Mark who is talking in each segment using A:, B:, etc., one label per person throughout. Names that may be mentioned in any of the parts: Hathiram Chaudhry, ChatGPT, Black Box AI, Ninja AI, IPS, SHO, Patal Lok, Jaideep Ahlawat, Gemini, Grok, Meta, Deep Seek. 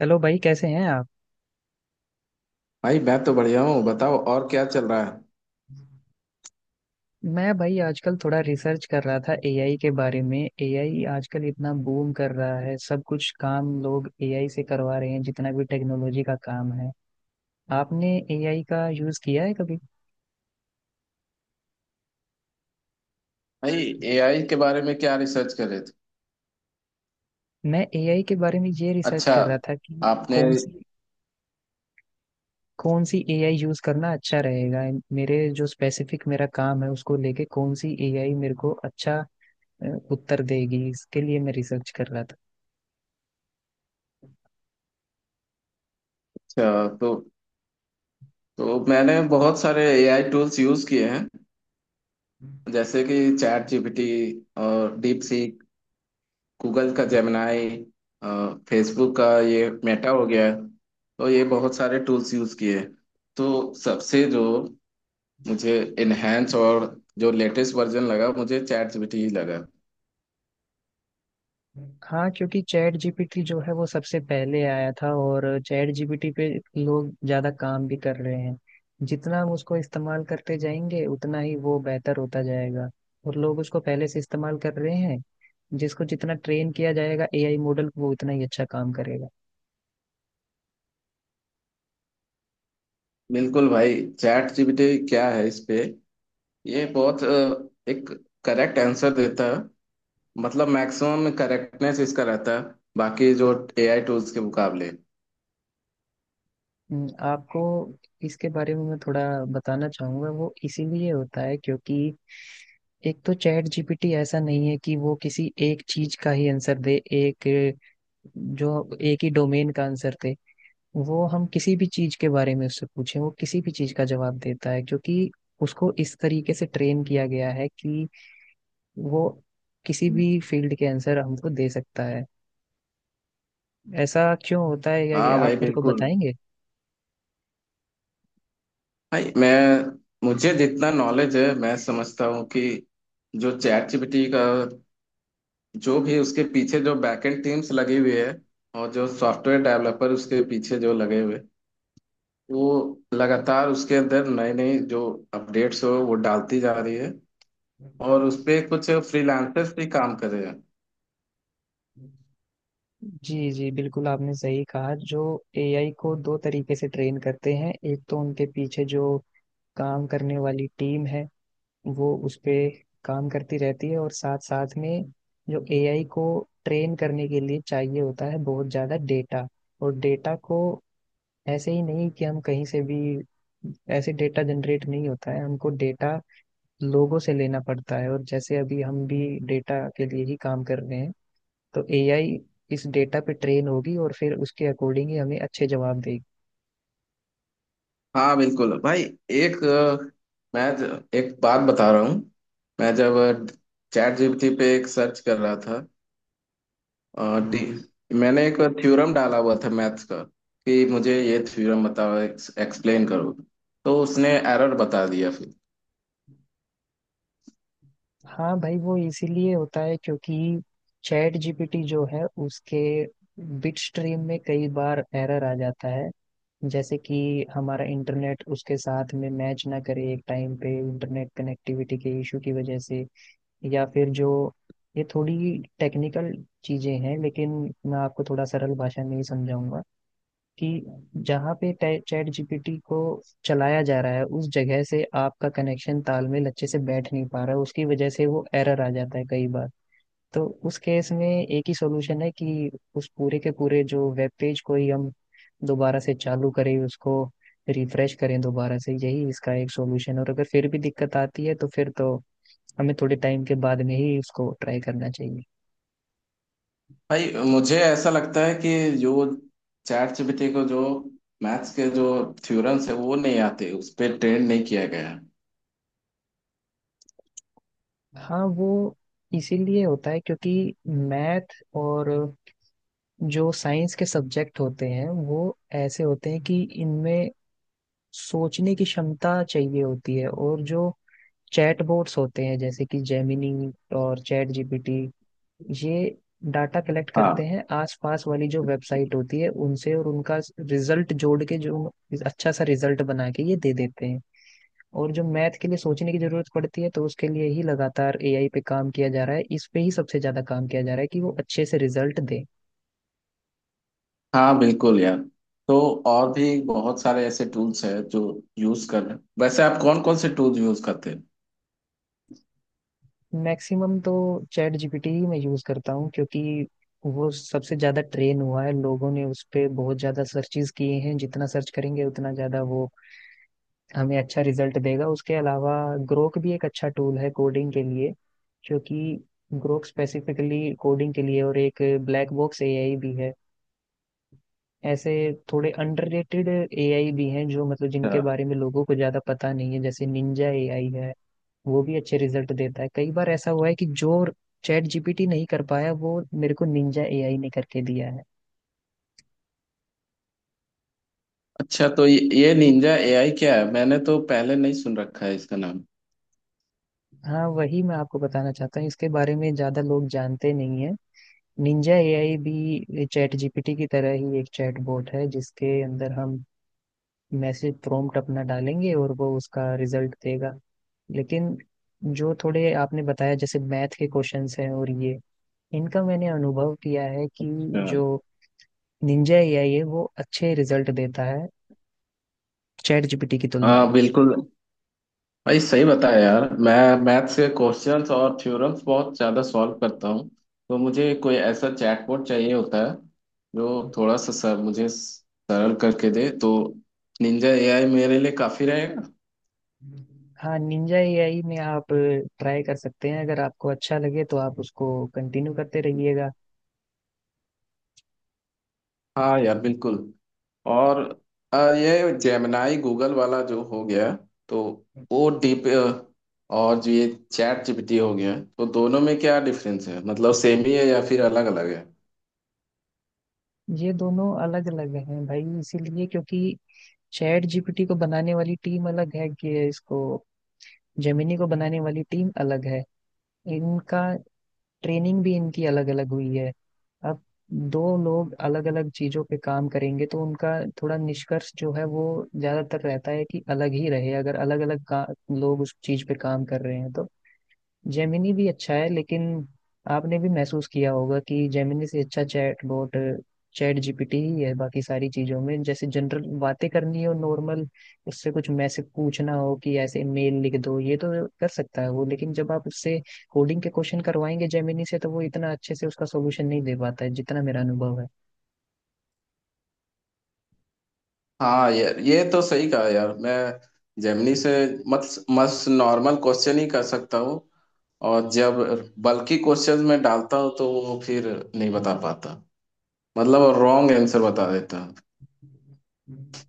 A: Hello भाई, कैसे हैं आप?
B: भाई मैं तो बढ़िया हूँ। बताओ और क्या चल रहा है।
A: मैं भाई आजकल थोड़ा रिसर्च कर रहा था एआई के बारे में। एआई आजकल इतना बूम कर रहा है, सब कुछ काम लोग एआई से करवा रहे हैं जितना भी टेक्नोलॉजी का काम है। आपने एआई का यूज किया है कभी?
B: भाई एआई के बारे में क्या रिसर्च कर रहे थे।
A: मैं एआई के बारे में ये रिसर्च
B: अच्छा,
A: कर रहा था कि
B: आपने।
A: कौन सी एआई यूज करना अच्छा रहेगा। मेरे जो स्पेसिफिक मेरा काम है उसको लेके कौन सी एआई मेरे को अच्छा अ, उत्तर देगी, इसके लिए मैं रिसर्च कर रहा
B: अच्छा, तो मैंने बहुत सारे एआई टूल्स यूज किए हैं।
A: था।
B: जैसे कि चैट जीपीटी और डीप सीक, गूगल का जेमिनाई, फेसबुक का ये मेटा हो गया है। तो ये बहुत सारे टूल्स यूज किए हैं। तो सबसे जो मुझे इनहेंस और जो लेटेस्ट वर्जन लगा, मुझे चैट जीपीटी ही लगा।
A: हाँ क्योंकि चैट जीपीटी जो है वो सबसे पहले आया था और चैट जीपीटी पे लोग ज्यादा काम भी कर रहे हैं। जितना हम उसको इस्तेमाल करते जाएंगे उतना ही वो बेहतर होता जाएगा और लोग उसको पहले से इस्तेमाल कर रहे हैं। जिसको जितना ट्रेन किया जाएगा एआई मॉडल को, वो उतना ही अच्छा काम करेगा।
B: बिल्कुल भाई। चैट जीपीटी क्या है, इस पे ये बहुत एक करेक्ट आंसर देता है। मतलब मैक्सिमम करेक्टनेस इसका रहता है, बाकी जो एआई टूल्स के मुकाबले।
A: आपको इसके बारे में मैं थोड़ा बताना चाहूंगा। वो इसीलिए होता है क्योंकि एक तो चैट जीपीटी ऐसा नहीं है कि वो किसी एक चीज का ही आंसर दे। एक जो एक ही डोमेन का आंसर थे वो हम किसी भी चीज के बारे में उससे पूछें वो किसी भी चीज का जवाब देता है क्योंकि उसको इस तरीके से ट्रेन किया गया है कि वो किसी भी फील्ड के आंसर हमको दे सकता है। ऐसा क्यों होता है क्या कि
B: हाँ
A: आप
B: भाई,
A: मेरे को
B: बिल्कुल।
A: बताएंगे?
B: भाई मैं, मुझे जितना नॉलेज है, मैं समझता हूँ कि जो चैट जीपीटी का, जो भी उसके पीछे जो बैकएंड टीम्स लगी हुई है और जो सॉफ्टवेयर डेवलपर उसके पीछे जो लगे हुए, वो लगातार उसके अंदर नए नए जो अपडेट्स हो वो डालती जा रही है। और उस पे कुछ फ्रीलांसर्स भी काम कर रहे हैं।
A: जी जी बिल्कुल, आपने सही कहा। जो एआई को दो तरीके से ट्रेन करते हैं, एक तो उनके पीछे जो काम करने वाली टीम है वो उस पे काम करती रहती है, और साथ साथ में जो एआई को ट्रेन करने के लिए चाहिए होता है बहुत ज़्यादा डेटा। और डेटा को ऐसे ही नहीं कि हम कहीं से भी, ऐसे डेटा जनरेट नहीं होता है, हमको डेटा लोगों से लेना पड़ता है और जैसे अभी हम भी डेटा के लिए ही काम कर रहे हैं। तो एआई इस डेटा पे ट्रेन होगी और फिर उसके अकॉर्डिंग ही हमें अच्छे जवाब देगी।
B: हाँ बिल्कुल भाई। एक मैं एक बात बता रहा हूँ। मैं जब चैट जीपीटी पे एक सर्च कर रहा था, और मैंने एक थ्योरम डाला हुआ था मैथ्स का, कि मुझे ये थ्योरम बताओ, एक्सप्लेन करो। तो उसने एरर बता दिया फिर।
A: हाँ भाई, वो इसीलिए होता है क्योंकि चैट जीपीटी जो है उसके बिट स्ट्रीम में कई बार एरर आ जाता है। जैसे कि हमारा इंटरनेट उसके साथ में मैच ना करे एक टाइम पे, इंटरनेट कनेक्टिविटी के इशू की वजह से। या फिर जो ये थोड़ी टेक्निकल चीजें हैं, लेकिन मैं आपको थोड़ा सरल भाषा में ही समझाऊंगा कि जहाँ पे चैट जीपीटी को चलाया जा रहा है उस जगह से आपका कनेक्शन तालमेल अच्छे से बैठ नहीं पा रहा है उसकी वजह से वो एरर आ जाता है कई बार। तो उस केस में एक ही सॉल्यूशन है कि उस पूरे के पूरे जो वेब पेज को ही हम दोबारा से चालू करें, उसको रिफ्रेश करें दोबारा से, यही इसका एक सॉल्यूशन है। और अगर फिर भी दिक्कत आती है तो फिर तो हमें थोड़े टाइम के बाद में ही उसको ट्राई करना चाहिए।
B: भाई, मुझे ऐसा लगता है कि जो चैट जीपीटी को जो मैथ्स के जो थ्योरम्स है वो नहीं आते, उस पर ट्रेन नहीं किया गया।
A: हाँ वो इसीलिए होता है क्योंकि मैथ और जो साइंस के सब्जेक्ट होते हैं वो ऐसे होते हैं कि इनमें सोचने की क्षमता चाहिए होती है। और जो चैट बोट्स होते हैं जैसे कि जेमिनी और चैट जीपीटी, ये डाटा कलेक्ट करते
B: हाँ।
A: हैं आसपास वाली जो वेबसाइट होती है उनसे और उनका रिजल्ट जोड़ के जो अच्छा सा रिजल्ट बना के ये दे देते हैं। और जो मैथ के लिए सोचने की जरूरत पड़ती है तो उसके लिए ही लगातार एआई पे काम किया जा रहा है, इस पे ही सबसे ज्यादा काम किया जा रहा है कि वो अच्छे से रिजल्ट दे।
B: हाँ बिल्कुल यार। तो और भी बहुत सारे ऐसे टूल्स हैं जो यूज कर रहे हैं। वैसे आप कौन कौन से टूल्स यूज करते हैं।
A: मैक्सिमम तो चैट जीपीटी ही मैं यूज करता हूँ क्योंकि वो सबसे ज्यादा ट्रेन हुआ है, लोगों ने उस पे बहुत ज्यादा सर्चेस किए हैं, जितना सर्च करेंगे उतना ज्यादा वो हमें अच्छा रिजल्ट देगा। उसके अलावा ग्रोक भी एक अच्छा टूल है कोडिंग के लिए क्योंकि ग्रोक स्पेसिफिकली कोडिंग के लिए, और एक ब्लैक बॉक्स एआई भी है। ऐसे थोड़े अंडररेटेड एआई भी हैं जो मतलब जिनके
B: अच्छा।
A: बारे में लोगों को ज्यादा पता नहीं है, जैसे निंजा एआई है। वो भी अच्छे रिजल्ट देता है, कई बार ऐसा हुआ है कि जो चैट जीपीटी नहीं कर पाया वो मेरे को निंजा एआई ने करके दिया है।
B: अच्छा, तो ये निंजा एआई क्या है, मैंने तो पहले नहीं सुन रखा है इसका नाम।
A: हाँ वही मैं आपको बताना चाहता हूँ, इसके बारे में ज्यादा लोग जानते नहीं है। निंजा एआई भी चैट जीपीटी की तरह ही एक चैट बॉट है जिसके अंदर हम मैसेज प्रॉम्प्ट अपना डालेंगे और वो उसका रिजल्ट देगा। लेकिन जो थोड़े आपने बताया जैसे मैथ के क्वेश्चंस हैं और ये इनका मैंने अनुभव किया है कि
B: अच्छा।
A: जो निंजा एआई है वो अच्छे रिजल्ट देता है चैट जीपीटी की तुलना
B: हाँ
A: में।
B: बिल्कुल भाई, सही बताया यार। मैं मैथ्स के क्वेश्चंस और थ्योरम्स बहुत ज़्यादा सॉल्व करता हूँ। तो मुझे कोई ऐसा चैटबॉट चाहिए होता है जो थोड़ा सा सर मुझे सरल करके दे। तो निंजा एआई मेरे लिए काफ़ी रहेगा।
A: हाँ निंजा एआई में आप ट्राई कर सकते हैं, अगर आपको अच्छा लगे तो आप उसको कंटिन्यू करते रहिएगा।
B: हाँ यार बिल्कुल। और ये जेमिनाई गूगल वाला जो हो गया, तो वो डीप, और जो ये चैट जीपीटी हो गया, तो दोनों में क्या डिफरेंस है, मतलब सेम ही है या फिर अलग अलग है।
A: ये दोनों अलग अलग हैं भाई, इसीलिए क्योंकि चैट जीपीटी को बनाने वाली टीम अलग है कि इसको, जेमिनी को बनाने वाली टीम अलग है। इनका ट्रेनिंग भी इनकी अलग अलग हुई है। अब दो लोग अलग अलग चीजों पे काम करेंगे तो उनका थोड़ा निष्कर्ष जो है वो ज्यादातर रहता है कि अलग ही रहे, अगर अलग अलग लोग उस चीज पे काम कर रहे हैं तो। जेमिनी भी अच्छा है लेकिन आपने भी महसूस किया होगा कि जेमिनी से अच्छा चैट बोट चैट जीपीटी ही है, बाकी सारी चीजों में जैसे जनरल बातें करनी हो नॉर्मल, उससे कुछ मैसेज पूछना हो कि ऐसे मेल लिख दो, ये तो कर सकता है वो। लेकिन जब आप उससे कोडिंग के क्वेश्चन करवाएंगे जेमिनी से तो वो इतना अच्छे से उसका सोल्यूशन नहीं दे पाता है जितना मेरा अनुभव है।
B: हाँ यार, ये तो सही कहा यार। मैं जेमिनी से मत मस्त नॉर्मल क्वेश्चन ही कर सकता हूँ। और जब बल्कि क्वेश्चन में डालता हूँ तो वो फिर नहीं बता पाता। मतलब रॉन्ग आंसर बता देता।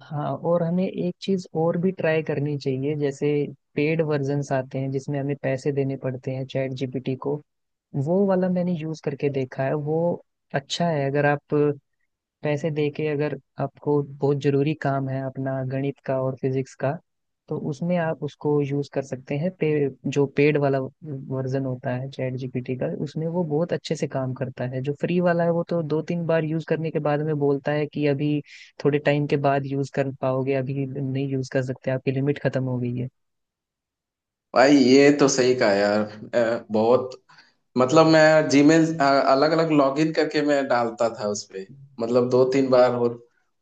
A: हाँ और हमें एक चीज और भी ट्राई करनी चाहिए, जैसे पेड वर्जन्स आते हैं जिसमें हमें पैसे देने पड़ते हैं चैट जीपीटी को, वो वाला मैंने यूज करके देखा है वो अच्छा है। अगर आप पैसे दे के, अगर आपको बहुत जरूरी काम है अपना गणित का और फिजिक्स का तो उसमें आप उसको यूज कर सकते हैं। जो पेड वाला वर्जन होता है चैट जीपीटी का उसमें वो बहुत अच्छे से काम करता है। जो फ्री वाला है वो तो 2-3 बार यूज करने के बाद में बोलता है कि अभी थोड़े टाइम के बाद यूज कर पाओगे, अभी नहीं यूज कर सकते, आपकी लिमिट खत्म हो गई है।
B: भाई ये तो सही कहा यार। बहुत, मतलब मैं जीमेल अलग अलग लॉगिन करके मैं डालता था उसपे। मतलब दो तीन बार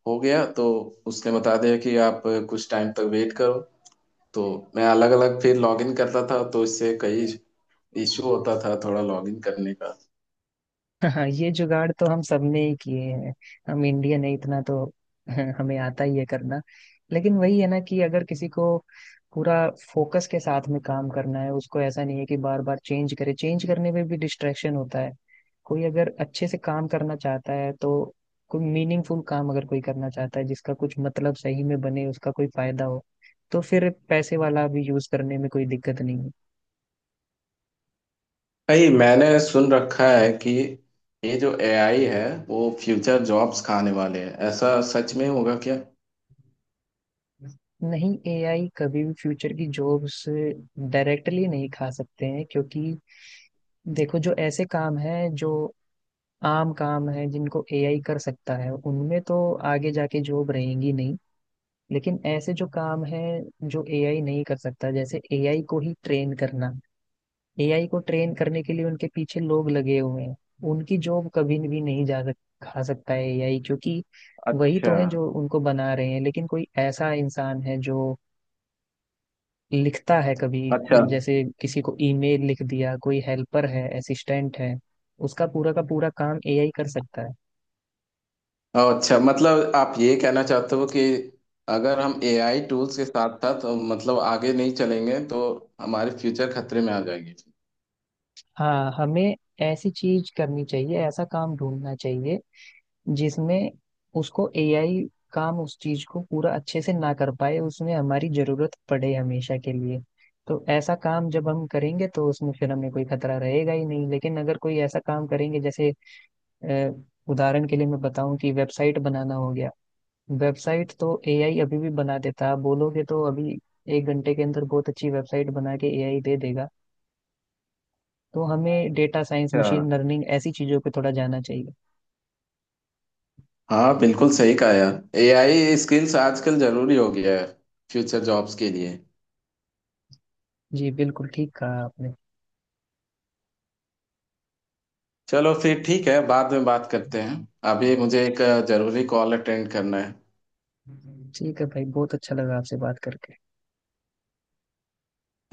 B: हो गया, तो उसने बता दिया कि आप कुछ टाइम तक वेट करो। तो मैं अलग अलग फिर लॉगिन करता था, तो इससे कई इशू होता था थोड़ा लॉगिन करने का।
A: हाँ ये जुगाड़ तो हम सबने ही किए हैं, हम इंडियन है इतना तो हमें आता ही है करना। लेकिन वही है ना कि अगर किसी को पूरा फोकस के साथ में काम करना है उसको ऐसा नहीं है कि बार बार चेंज करे, चेंज करने में भी डिस्ट्रैक्शन होता है। कोई अगर अच्छे से काम करना चाहता है तो, कोई मीनिंगफुल काम अगर कोई करना चाहता है जिसका कुछ मतलब सही में बने उसका कोई फायदा हो तो फिर पैसे वाला भी यूज करने में कोई दिक्कत नहीं
B: भाई मैंने सुन रखा है कि ये जो एआई है, वो फ्यूचर जॉब्स खाने वाले हैं, ऐसा सच
A: है।
B: में होगा क्या।
A: नहीं एआई कभी भी फ्यूचर की जॉब्स डायरेक्टली नहीं खा सकते हैं क्योंकि देखो जो ऐसे काम हैं जो आम काम हैं जिनको एआई कर सकता है उनमें तो आगे जाके जॉब रहेंगी नहीं। लेकिन ऐसे जो काम हैं जो एआई नहीं कर सकता जैसे एआई को ही ट्रेन करना, एआई को ट्रेन करने के लिए उनके पीछे लोग लगे हुए हैं उनकी जॉब कभी भी नहीं खा सकता है एआई क्योंकि वही
B: अच्छा।
A: तो है जो उनको बना रहे हैं। लेकिन कोई ऐसा इंसान है जो लिखता है कभी,
B: अच्छा।
A: जैसे किसी को ईमेल लिख दिया, कोई हेल्पर है, असिस्टेंट है, उसका पूरा का पूरा काम एआई कर सकता है।
B: अच्छा, मतलब आप ये कहना चाहते हो कि अगर हम एआई टूल्स के साथ साथ, मतलब आगे नहीं चलेंगे तो हमारे फ्यूचर खतरे में आ जाएगी।
A: हाँ हमें ऐसी चीज करनी चाहिए, ऐसा काम ढूंढना चाहिए जिसमें उसको एआई काम उस चीज को पूरा अच्छे से ना कर पाए, उसमें हमारी जरूरत पड़े हमेशा के लिए। तो ऐसा काम जब हम करेंगे तो उसमें फिर हमें कोई खतरा रहेगा ही नहीं, लेकिन अगर कोई ऐसा काम करेंगे जैसे अ, उदाहरण के लिए मैं बताऊं कि वेबसाइट बनाना हो गया। वेबसाइट तो एआई अभी भी बना देता है। आप बोलोगे तो अभी 1 घंटे के अंदर बहुत अच्छी वेबसाइट बना के एआई दे देगा। तो हमें डेटा साइंस मशीन
B: हाँ,
A: लर्निंग ऐसी चीजों पे थोड़ा जाना चाहिए।
B: हाँ बिल्कुल सही कहा यार। एआई स्किल्स आजकल जरूरी हो गया है फ्यूचर जॉब्स के लिए।
A: जी बिल्कुल ठीक कहा आपने।
B: चलो फिर ठीक है, बाद में बात करते हैं। अभी मुझे एक जरूरी कॉल अटेंड करना है।
A: ठीक है भाई, बहुत अच्छा लगा आपसे बात करके।